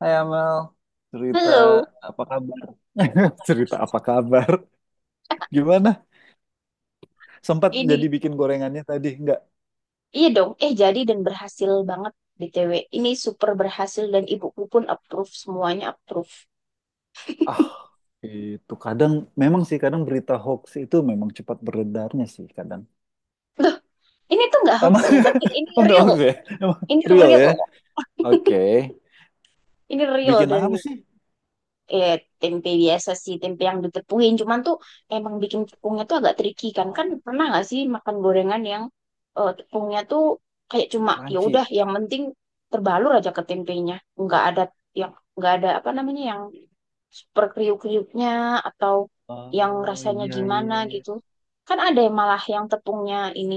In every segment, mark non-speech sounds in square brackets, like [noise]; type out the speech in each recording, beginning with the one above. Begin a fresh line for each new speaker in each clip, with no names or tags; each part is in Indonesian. Hai Amal, cerita
Halo,
apa kabar? [laughs] Cerita apa kabar? Gimana? Sempat
ini
jadi bikin gorengannya tadi? Enggak.
iya dong. Jadi dan berhasil banget BTW. Ini super berhasil dan ibuku pun approve, semuanya approve.
Ah, itu kadang memang sih kadang berita hoax itu memang cepat beredarnya sih kadang.
Loh, ini tuh nggak hoax
Emang
ya, tapi ini
[laughs] enggak
real.
hoax ya? Emang
Ini
real
real.
ya? Oke.
Ini real
Bikin apa
dan
sih?
eh tempe biasa sih, tempe yang ditepuin. Cuman tuh emang bikin tepungnya tuh agak tricky kan. Kan
Oh,
pernah nggak sih makan gorengan yang tepungnya tuh kayak cuma ya udah
crunchy.
yang penting terbalur aja ke tempenya. Nggak ada yang, nggak ada apa namanya, yang super kriuk-kriuknya atau yang
Oh
rasanya
iya
gimana
iya iya.
gitu. Kan ada yang malah yang tepungnya ini,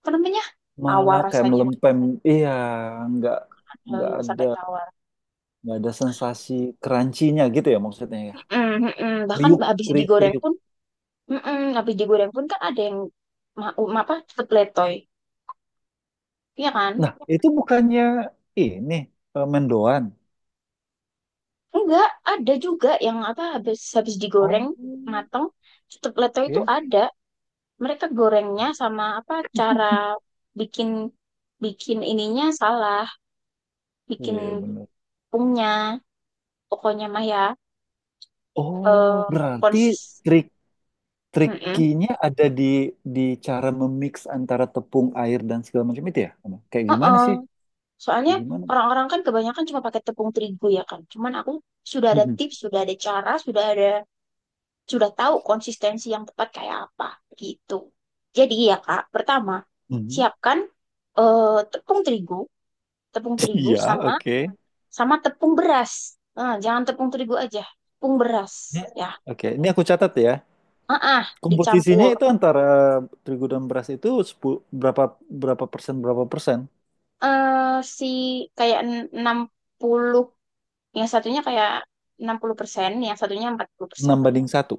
apa namanya? Tawar
Malah kayak
rasanya.
melempem. Iya, enggak
Eh,
enggak
yang
ada
sampai tawar.
enggak ada sensasi crunchy-nya gitu ya maksudnya ya.
Mm, mm, mm. Bahkan
Kriuk,
habis
kriuk,
digoreng
kriuk.
pun, habis digoreng pun kan ada yang ma ma- apa tetep letoy, iya kan?
Nah, itu bukannya ini mendoan.
Enggak, ada juga yang apa habis habis digoreng
Oh,
mateng tetep letoy itu
ya.
ada. Mereka gorengnya sama apa, cara bikin bikin ininya salah, bikin
Iya, benar.
tepungnya pokoknya mah ya.
Oh,
Eh
berarti
konsis
trik
Mm-mm.
trikinya ada di cara memix antara tepung air dan segala macam itu ya? Ama? Kayak gimana
Heeh.
sih?
Soalnya
Kayak gimana?
orang-orang kan kebanyakan cuma pakai tepung terigu ya kan, cuman aku sudah ada
Mhm.
tips, sudah ada cara, sudah ada, sudah tahu konsistensi yang tepat kayak apa gitu. Jadi ya Kak, pertama
Mhm.
siapkan eh, tepung terigu,
[laughs] Iya,
sama,
oke.
tepung beras. Eh, jangan tepung terigu aja, tepung beras
Ya,
ya,
oke, ini aku catat ya.
ah
Komposisinya
dicampur.
itu antara terigu dan beras itu 10 berapa berapa persen berapa persen?
Eh si Kayak, enam puluh, yang satunya kayak 60%, yang satunya 40%.
6 banding satu.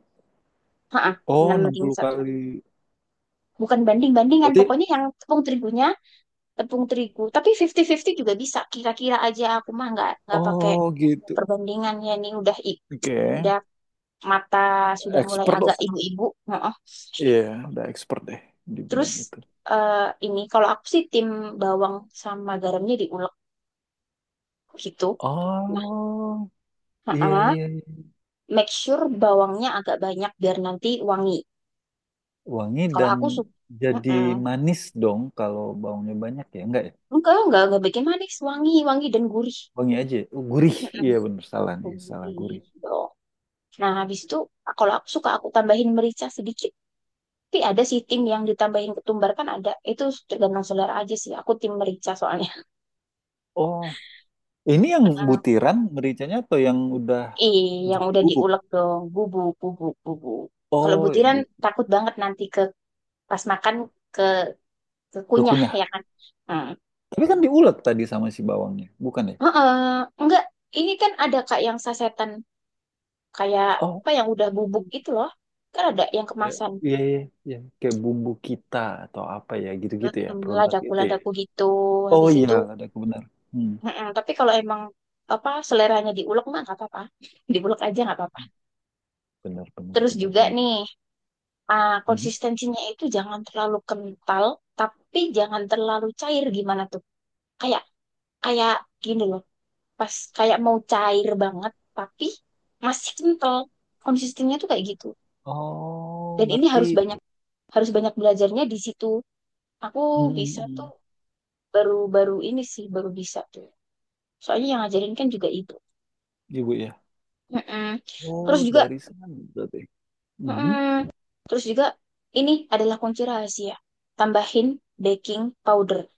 Heeh,
Oh,
6
enam
banding
puluh
satu.
kali.
Bukan banding-bandingan,
Berarti
pokoknya yang tepung terigunya tepung terigu. Tapi 50-50 juga bisa. Kira-kira aja, aku mah nggak pakai
oh gitu.
perbandingan ya. Nih udah,
Oke.
udah mata, sudah mulai
Expert
agak
loh.
ibu-ibu. Heeh. [laughs]
Iya, udah expert deh di
Terus
bidang itu.
eh, ini kalau aku sih tim bawang, sama garamnya diulek gitu. Nah,
Oh, iya
heeh.
iya, iya.
Make sure bawangnya agak banyak biar nanti wangi.
Wangi
Kalau
dan
aku suka.
jadi manis dong kalau baunya banyak ya. Enggak ya?
Enggak bikin manis, wangi, wangi dan gurih.
Wangi aja, ya? Oh, gurih.
Mm-mm.
Iya bener salah nih, salah
Gurih
gurih.
dong. Nah, habis itu kalau aku suka aku tambahin merica sedikit. Tapi ada sih tim yang ditambahin ketumbar kan, ada. Itu tergantung selera aja sih. Aku tim merica soalnya.
Oh, ini yang
Mm-mm. [laughs]
butiran mericanya atau yang udah
Ih, yang
jadi
udah
bubuk?
diulek dong. Bubuk, bubuk, bubuk. Kalau
Oh, yang
butiran
bubuk.
takut banget nanti pas makan, ke kekunyah ya
Kekunyah.
kan. Hmm.
Tapi kan diulek tadi sama si bawangnya, bukan ya?
Heeh. Enggak, ini kan ada Kak yang sasetan, kayak
Oh.
apa, yang udah bubuk itu loh. Kan ada yang
Ya,
kemasan.
iya, iya, iya. Kayak bumbu kita atau apa ya, gitu-gitu ya,
Mm,
produk itu ya.
ladaku-ladaku gitu.
Oh
Habis
iya,
itu,
ada kebenar. Hmm.
mm-mm. Tapi kalau emang apa seleranya diulek mah nggak apa-apa, [laughs] diulek aja nggak apa-apa.
Benar, benar,
Terus
benar,
juga
benar.
nih,
Mhm.
konsistensinya itu jangan terlalu kental, tapi jangan terlalu cair gimana tuh? Kayak Kayak gini loh, pas kayak mau cair banget, tapi masih kental. Konsistensinya tuh kayak gitu.
Oh,
Dan ini
ngerti.
harus banyak, belajarnya di situ. Aku bisa tuh,
Mm-mm.
baru-baru ini sih baru bisa tuh. Soalnya yang ngajarin kan juga ibu.
Ibu ya.
Mm-mm.
Oh,
Terus juga,
dari sana berarti. Mhm.
mm-mm. Terus juga, ini adalah kunci rahasia. Tambahin baking powder.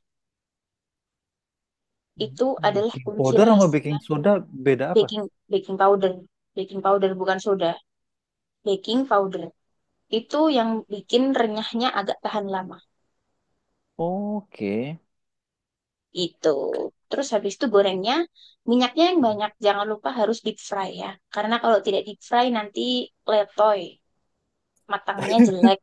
Itu adalah
Baking
kunci
powder sama
rahasia.
baking soda beda apa?
Baking Baking powder. Baking powder bukan soda. Baking powder. Itu yang bikin renyahnya agak tahan lama.
Oke. [laughs]
Itu. Terus habis itu gorengnya, minyaknya yang banyak. Jangan lupa harus deep fry ya. Karena kalau tidak deep fry nanti letoy. Matangnya jelek.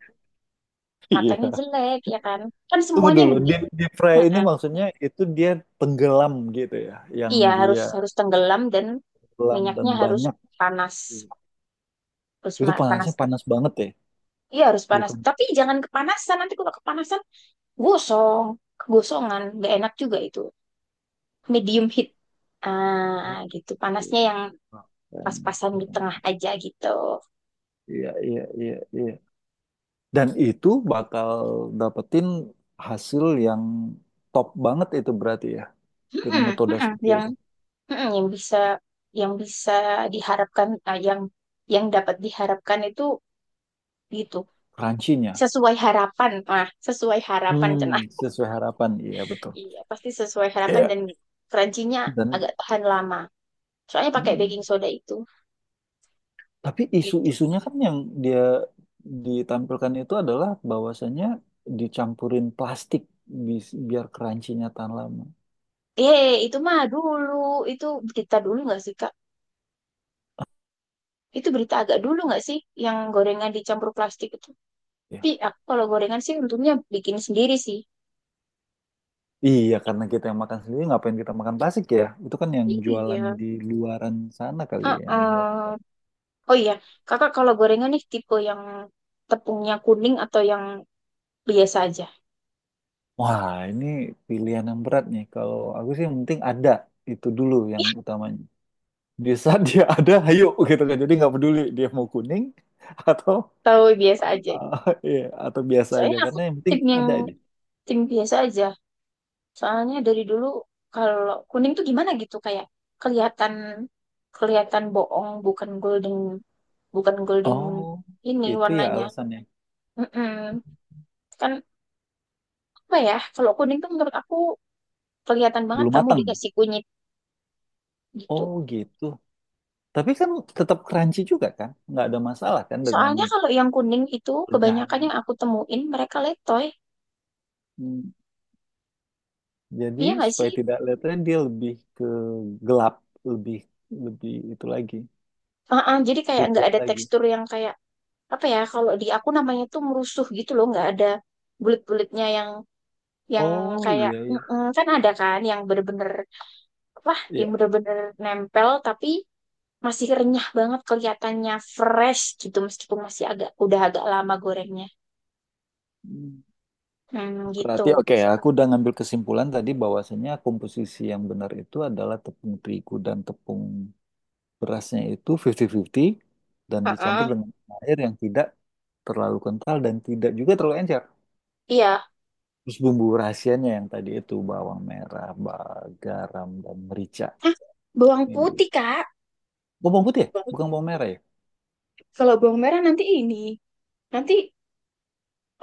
Iya.
Matangnya jelek ya kan. Kan
Tunggu
semuanya yang,
dulu, di fry ini maksudnya itu dia tenggelam gitu ya, yang
iya, harus,
dia
tenggelam dan
tenggelam dan
minyaknya harus
banyak.
panas. Harus
Itu
panas.
panasnya panas banget ya,
Iya, harus panas.
bukan?
Tapi jangan kepanasan. Nanti kalau kepanasan, gosong. Kegosongan. Gak enak juga itu. Medium heat. Gitu. Panasnya yang
Keren,
pas-pasan di
keren.
tengah aja gitu.
Iya, iya, iya, iya. Dan itu bakal dapetin hasil yang top banget itu berarti ya, dengan
Mm-mm,
metode
mm-mm.
seperti
Yang
itu.
mm-mm, yang bisa, yang bisa diharapkan, yang, dapat diharapkan itu gitu.
Crunchy-nya.
Sesuai harapan. Sesuai harapan
Hmm,
cenah.
sesuai harapan. Iya, betul.
Iya, pasti sesuai harapan
Iya.
dan crunchy-nya agak
Dan
tahan lama. Soalnya pakai baking
mm,
soda itu,
tapi
gitu.
isu-isunya kan yang dia ditampilkan itu adalah bahwasannya dicampurin plastik bis- biar crunchy-nya tahan lama.
Itu mah dulu, itu berita dulu nggak sih, Kak? Itu berita agak dulu nggak sih, yang gorengan dicampur plastik itu?
Ya.
Tapi aku kalau gorengan sih untungnya bikin sendiri sih.
Iya, karena kita yang makan sendiri, ngapain kita makan plastik ya? Itu kan yang jualan
Iya.
di luaran sana kali ya, yang
Heeh.
melak-
Oh iya, Kakak kalau gorengan nih tipe yang tepungnya kuning atau yang biasa aja?
Wah, ini pilihan yang berat nih. Kalau aku sih yang penting ada itu dulu yang
Iya.
utamanya. Di saat dia [laughs] ada, ayo gitu kan. Jadi nggak peduli dia mau kuning atau
Tahu biasa aja gitu.
[laughs] iya, atau biasa aja.
Soalnya aku
Karena yang penting
tim yang,
ada aja.
tim biasa aja. Soalnya dari dulu kalau kuning tuh gimana gitu, kayak kelihatan, bohong, bukan golden, bukan golden
Oh,
ini
itu ya
warnanya.
alasannya.
Mm-mm. Kan apa ya, kalau kuning tuh menurut aku kelihatan banget
Belum
kamu
matang.
dikasih kunyit
Oh
gitu.
gitu. Tapi kan tetap crunchy juga kan? Nggak ada masalah kan dengan
Soalnya kalau yang kuning itu kebanyakan
penyahannya.
yang aku temuin mereka letoy.
Jadi
Iya nggak
supaya
sih?
tidak kelihatan dia lebih ke gelap, lebih lebih itu lagi,
Uh-uh, jadi kayak
lebih
nggak
gelap
ada
lagi.
tekstur yang, kayak apa ya, kalau di aku namanya tuh merusuh gitu loh, nggak ada bulet-buletnya yang, yang
Oh
kayak,
iya iya.
kan ada kan yang bener-bener apa, yang
Iya.
bener-bener nempel tapi masih renyah banget kelihatannya fresh gitu, meskipun masih agak, udah agak lama gorengnya,
Hmm,
hmm, gitu.
berarti oke ya, aku udah ngambil kesimpulan tadi bahwasanya komposisi yang benar itu adalah tepung terigu dan tepung berasnya itu 50-50 dan dicampur
Heeh.
dengan air yang tidak terlalu kental dan tidak juga terlalu encer.
Iya.
Terus bumbu rahasianya yang tadi itu bawang merah, ba- garam dan merica.
Hah, bawang
Ini.
putih Kak.
Oh, bawang putih ya? Bukan bawang merah ya?
Kalau bawang merah nanti ini, nanti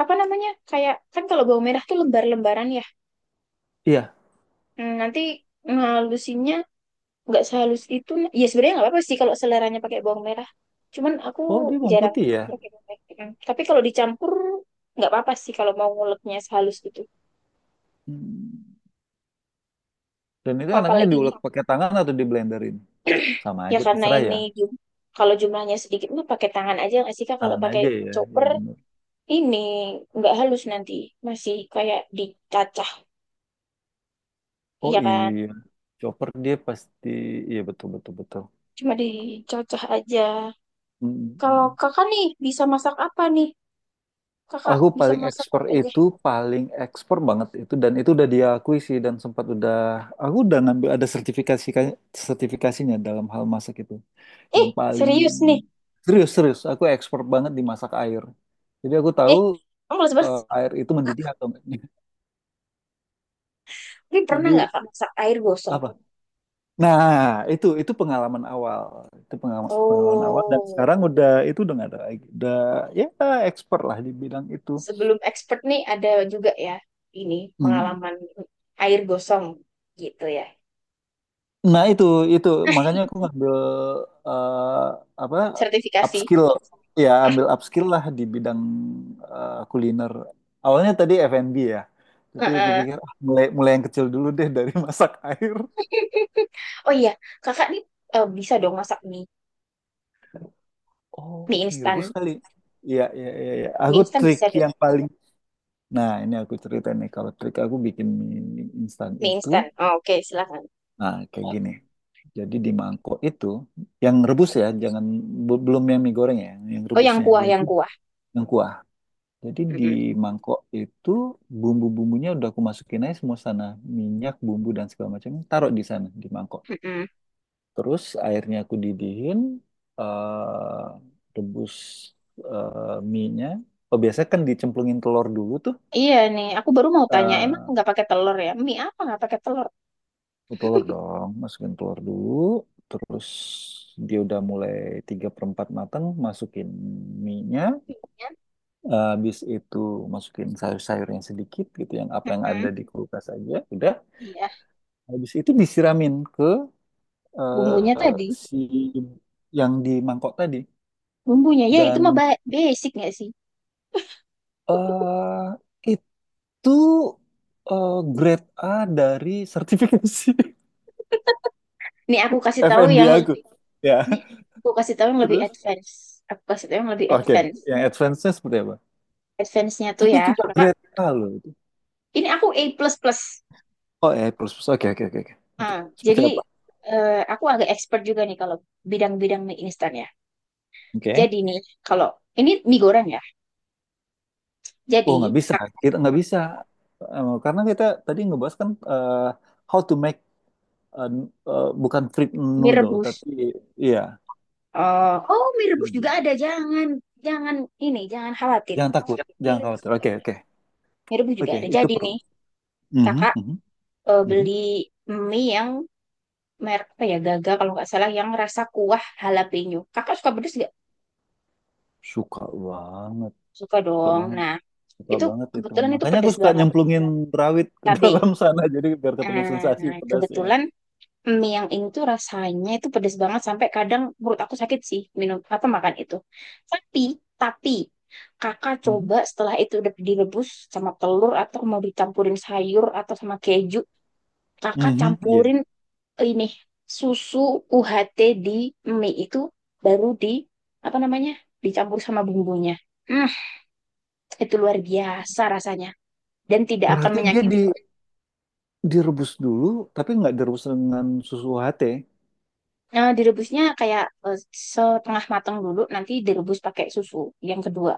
apa namanya, kayak, kan kalau bawang merah tuh lembar-lembaran ya.
Iya,
Hmm, nanti ngalusinnya nggak sehalus itu ya, sebenarnya nggak apa-apa sih kalau seleranya pakai bawang merah, cuman aku
oh, dia bawang
jarang
putih ya.
pakai bawang merah ya kan. Tapi kalau dicampur nggak apa-apa sih kalau mau nguleknya sehalus itu.
Hmm. Dan itu enaknya
Apalagi nih,
diulek pakai tangan atau di blenderin? Sama
ya
aja,
karena
terserah
ini
ya.
kalau jumlahnya sedikit mah pakai tangan aja nggak sih Kak, kalau
Tangan
pakai
aja ya, ya
chopper
bener.
ini nggak halus, nanti masih kayak dicacah,
Oh
iya kan,
iya, chopper dia pasti, iya betul betul betul.
cuma dicacah aja.
Hmm,
Kalau
hmm.
Kakak nih bisa masak apa nih, Kakak
Aku
bisa
paling
masak
expert
apa aja
itu, paling expert banget itu dan itu udah diakui sih dan sempat udah, aku udah ngambil ada sertifikasi kan, sertifikasinya dalam hal masak itu.
eh
Yang paling
serius nih,
serius serius, aku expert banget di masak air. Jadi aku tahu
eh kamu males banget.
air itu mendidih atau enggaknya.
Tapi
[laughs]
pernah
Jadi
nggak Kak masak air gosong?
apa? Nah, itu pengalaman awal. Itu pengalaman, pengalaman awal dan
Oh,
sekarang udah itu udah nggak ada lagi. Udah ya expert lah di bidang itu.
sebelum expert nih ada juga ya, ini
Hmm.
pengalaman air gosong gitu ya.
Nah, itu makanya aku ngambil apa?
Sertifikasi.
Upskill. Ya, ambil
[laughs]
upskill lah di bidang kuliner. Awalnya tadi F&B ya. Tapi aku
Heeh.
pikir ah, mulai mulai yang kecil dulu deh dari [laughs] masak air.
Oh iya, Kakak nih, bisa dong masak mie,
Oh,
mie
mie rebus
instan.
kali. Iya, iya, iya, iya.
Mie
Aku
instan
trik
bisa dong,
yang paling Nah, ini aku cerita nih, kalau trik aku bikin mie instan
mie
itu,
instan. Oh, oke, silakan.
nah kayak gini. Jadi di mangkok itu, yang rebus ya, jangan be- belum yang mie goreng ya, yang
Oh yang
rebusnya.
kuah,
Jadi
yang kuah.
yang kuah. Jadi di
Mm-mm,
mangkok itu bumbu-bumbunya udah aku masukin aja semua sana, minyak, bumbu dan segala macam, taruh di sana di mangkok.
mm-mm.
Terus airnya aku didihin, eh rebus mie-nya. Oh biasanya kan dicemplungin telur dulu tuh.
Iya nih, aku baru mau tanya, emang
eh,
nggak pakai telur ya? Mie apa nggak pakai telur?
Telur dong, masukin telur dulu, terus dia udah mulai 3 per 4 matang, masukin mie-nya.
Mie-nya,
Eh, habis itu masukin sayur-sayurnya sedikit gitu, yang apa yang
mm-mm.
ada di kulkas aja, udah.
Iya,
Habis itu disiramin ke
bumbunya
eh,
tadi.
si yang di mangkok tadi.
Bumbunya ya itu mah
Dan
basic nggak sih?
eh itu grade A dari sertifikasi
Nih aku kasih
[laughs]
tahu yang
FNB aku.
lebih,
Ya,
ini aku kasih tahu yang lebih
terus
advance. Aku kasih tahu yang lebih
oke,
advance.
yang advance-nya seperti apa?
Advance-nya tuh
Tapi
ya,
itu udah
Kakak.
berita loh.
Ini aku A++. Plus plus.
Oh, A I plus plus. Oke, oke, oke, oke. Oke.
Ah,
Seperti
jadi
apa?
aku agak expert juga nih kalau bidang-bidang mie instan ya.
Oke.
Jadi nih, kalau ini mie goreng ya.
Oh,
Jadi
nggak bisa.
Kak,
Kita nggak bisa. Eh, karena kita tadi ngebahas kan how to make eh, bukan fruit
mie
noodle,
rebus.
tapi iya.
Oh mie rebus juga
Rebus.
ada. Jangan, jangan ini jangan khawatir.
Jangan takut,
Mie
jangan
rebus
khawatir.
juga
Oke,
ada.
oke.
Mie rebus juga
Oke,
ada.
itu
Jadi
perlu.
nih
Mhm,
Kakak
mhm, mhm.
beli mie yang merek apa ya, Gaga kalau nggak salah, yang rasa kuah jalapeno. Kakak suka pedas nggak?
Suka banget,
Suka
suka
dong.
banget,
Nah,
suka
itu
banget itu.
kebetulan itu
Makanya aku
pedas
suka
banget.
nyemplungin rawit ke [laughs]
KB
dalam sana jadi biar ketemu sensasi
nah,
pedasnya.
kebetulan mie yang ini tuh rasanya itu pedas banget sampai kadang perut aku sakit sih minum apa makan itu. tapi tapi Kakak
Mhm,
coba, setelah itu udah direbus sama telur, atau mau dicampurin sayur atau sama keju, Kakak
mhm, iya.
campurin ini susu UHT di mie itu, baru di apa namanya, dicampur sama bumbunya. Hmm, itu luar biasa rasanya dan tidak akan
Berarti dia di
menyakiti perut.
direbus dulu, tapi nggak direbus dengan susu UHT.
Nah, direbusnya kayak setengah matang dulu, nanti direbus pakai susu yang kedua.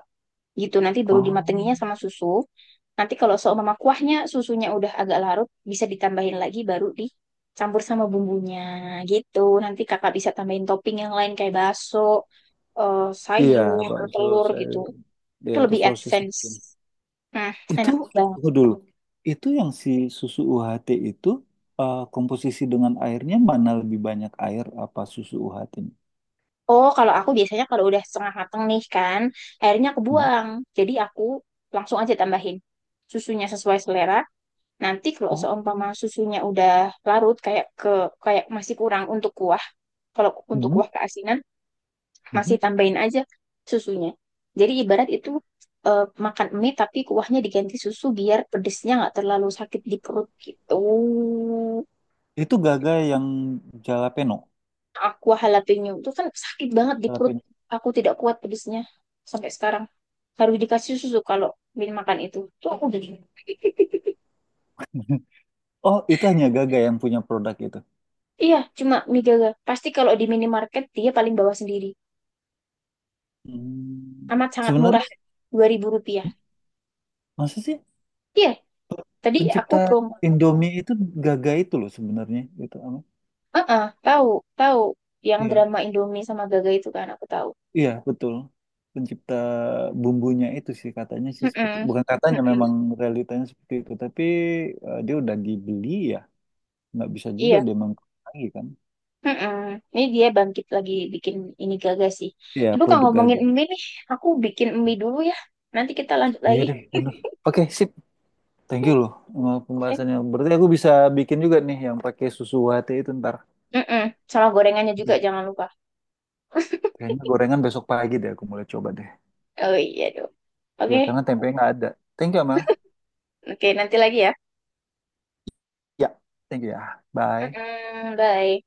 Gitu, nanti baru
Oh,
dimatenginya sama susu. Nanti kalau seumpama kuahnya, susunya udah agak larut, bisa ditambahin lagi baru dicampur sama bumbunya gitu. Nanti Kakak bisa tambahin topping yang lain kayak bakso,
iya,
sayur,
bakso,
telur gitu.
sayur, ya
Itu
atau
lebih
sosis
advance.
mungkin.
Nah,
Itu
enak banget.
tunggu dulu. Itu yang si susu UHT itu komposisi dengan airnya mana lebih banyak air apa susu UHT ini?
Oh, kalau aku biasanya kalau udah setengah mateng nih kan, airnya aku
Hmm.
buang. Jadi aku langsung aja tambahin susunya sesuai selera. Nanti kalau
Oh,
seumpama susunya udah larut, kayak kayak masih kurang untuk kuah. Kalau untuk
hmm,
kuah keasinan,
hmm.
masih tambahin aja susunya. Jadi ibarat itu makan mie tapi kuahnya diganti susu biar pedesnya nggak terlalu sakit di perut gitu.
Itu Gaga yang jalapeno.
Aku jalapeno itu kan sakit banget di perut.
Jalapeno.
Aku tidak kuat pedesnya sampai sekarang. Harus dikasih susu kalau makan itu. Tuh aku udah.
[laughs] Oh, itu hanya Gaga yang punya produk itu.
Iya, cuma mie Gaga. Pasti kalau di minimarket dia paling bawah sendiri.
Hmm.
Amat sangat murah,
Sebenarnya
Rp2.000.
masa sih
Iya, tadi aku
Pencipta
promo.
Indomie itu Gaga itu loh sebenarnya gitu apa?
Heeh, tahu, tahu. Yang
Iya,
drama Indomie sama Gaga itu kan aku tahu.
iya betul. Pencipta bumbunya itu sih katanya sih seperti
Heeh,
bukan katanya memang
heeh.
realitanya seperti itu, tapi dia udah dibeli ya, nggak bisa juga
Iya.
dia mengklaim lagi kan.
Mm-mm. Ini dia bangkit lagi bikin ini, Gagas sih.
Iya,
Ibu, kalau
produk
ngomongin
Gaga.
mie nih, aku bikin mie dulu ya. Nanti kita lanjut
Iya
lagi.
deh, bener. Oke, sip. Thank you loh sama
Eh,
pembahasannya. Berarti aku bisa bikin juga nih yang pakai susu UHT itu ntar.
mm-mm. Sama gorengannya juga
Oke.
jangan lupa. [laughs]
Kayaknya gorengan besok pagi deh aku mulai coba deh.
Oh iya dong.
Ya,
Oke,
karena tempe nggak ada. Thank you, Amel.
oke nanti lagi ya.
Ya, thank you ya. Bye.
Mm-mm. Bye.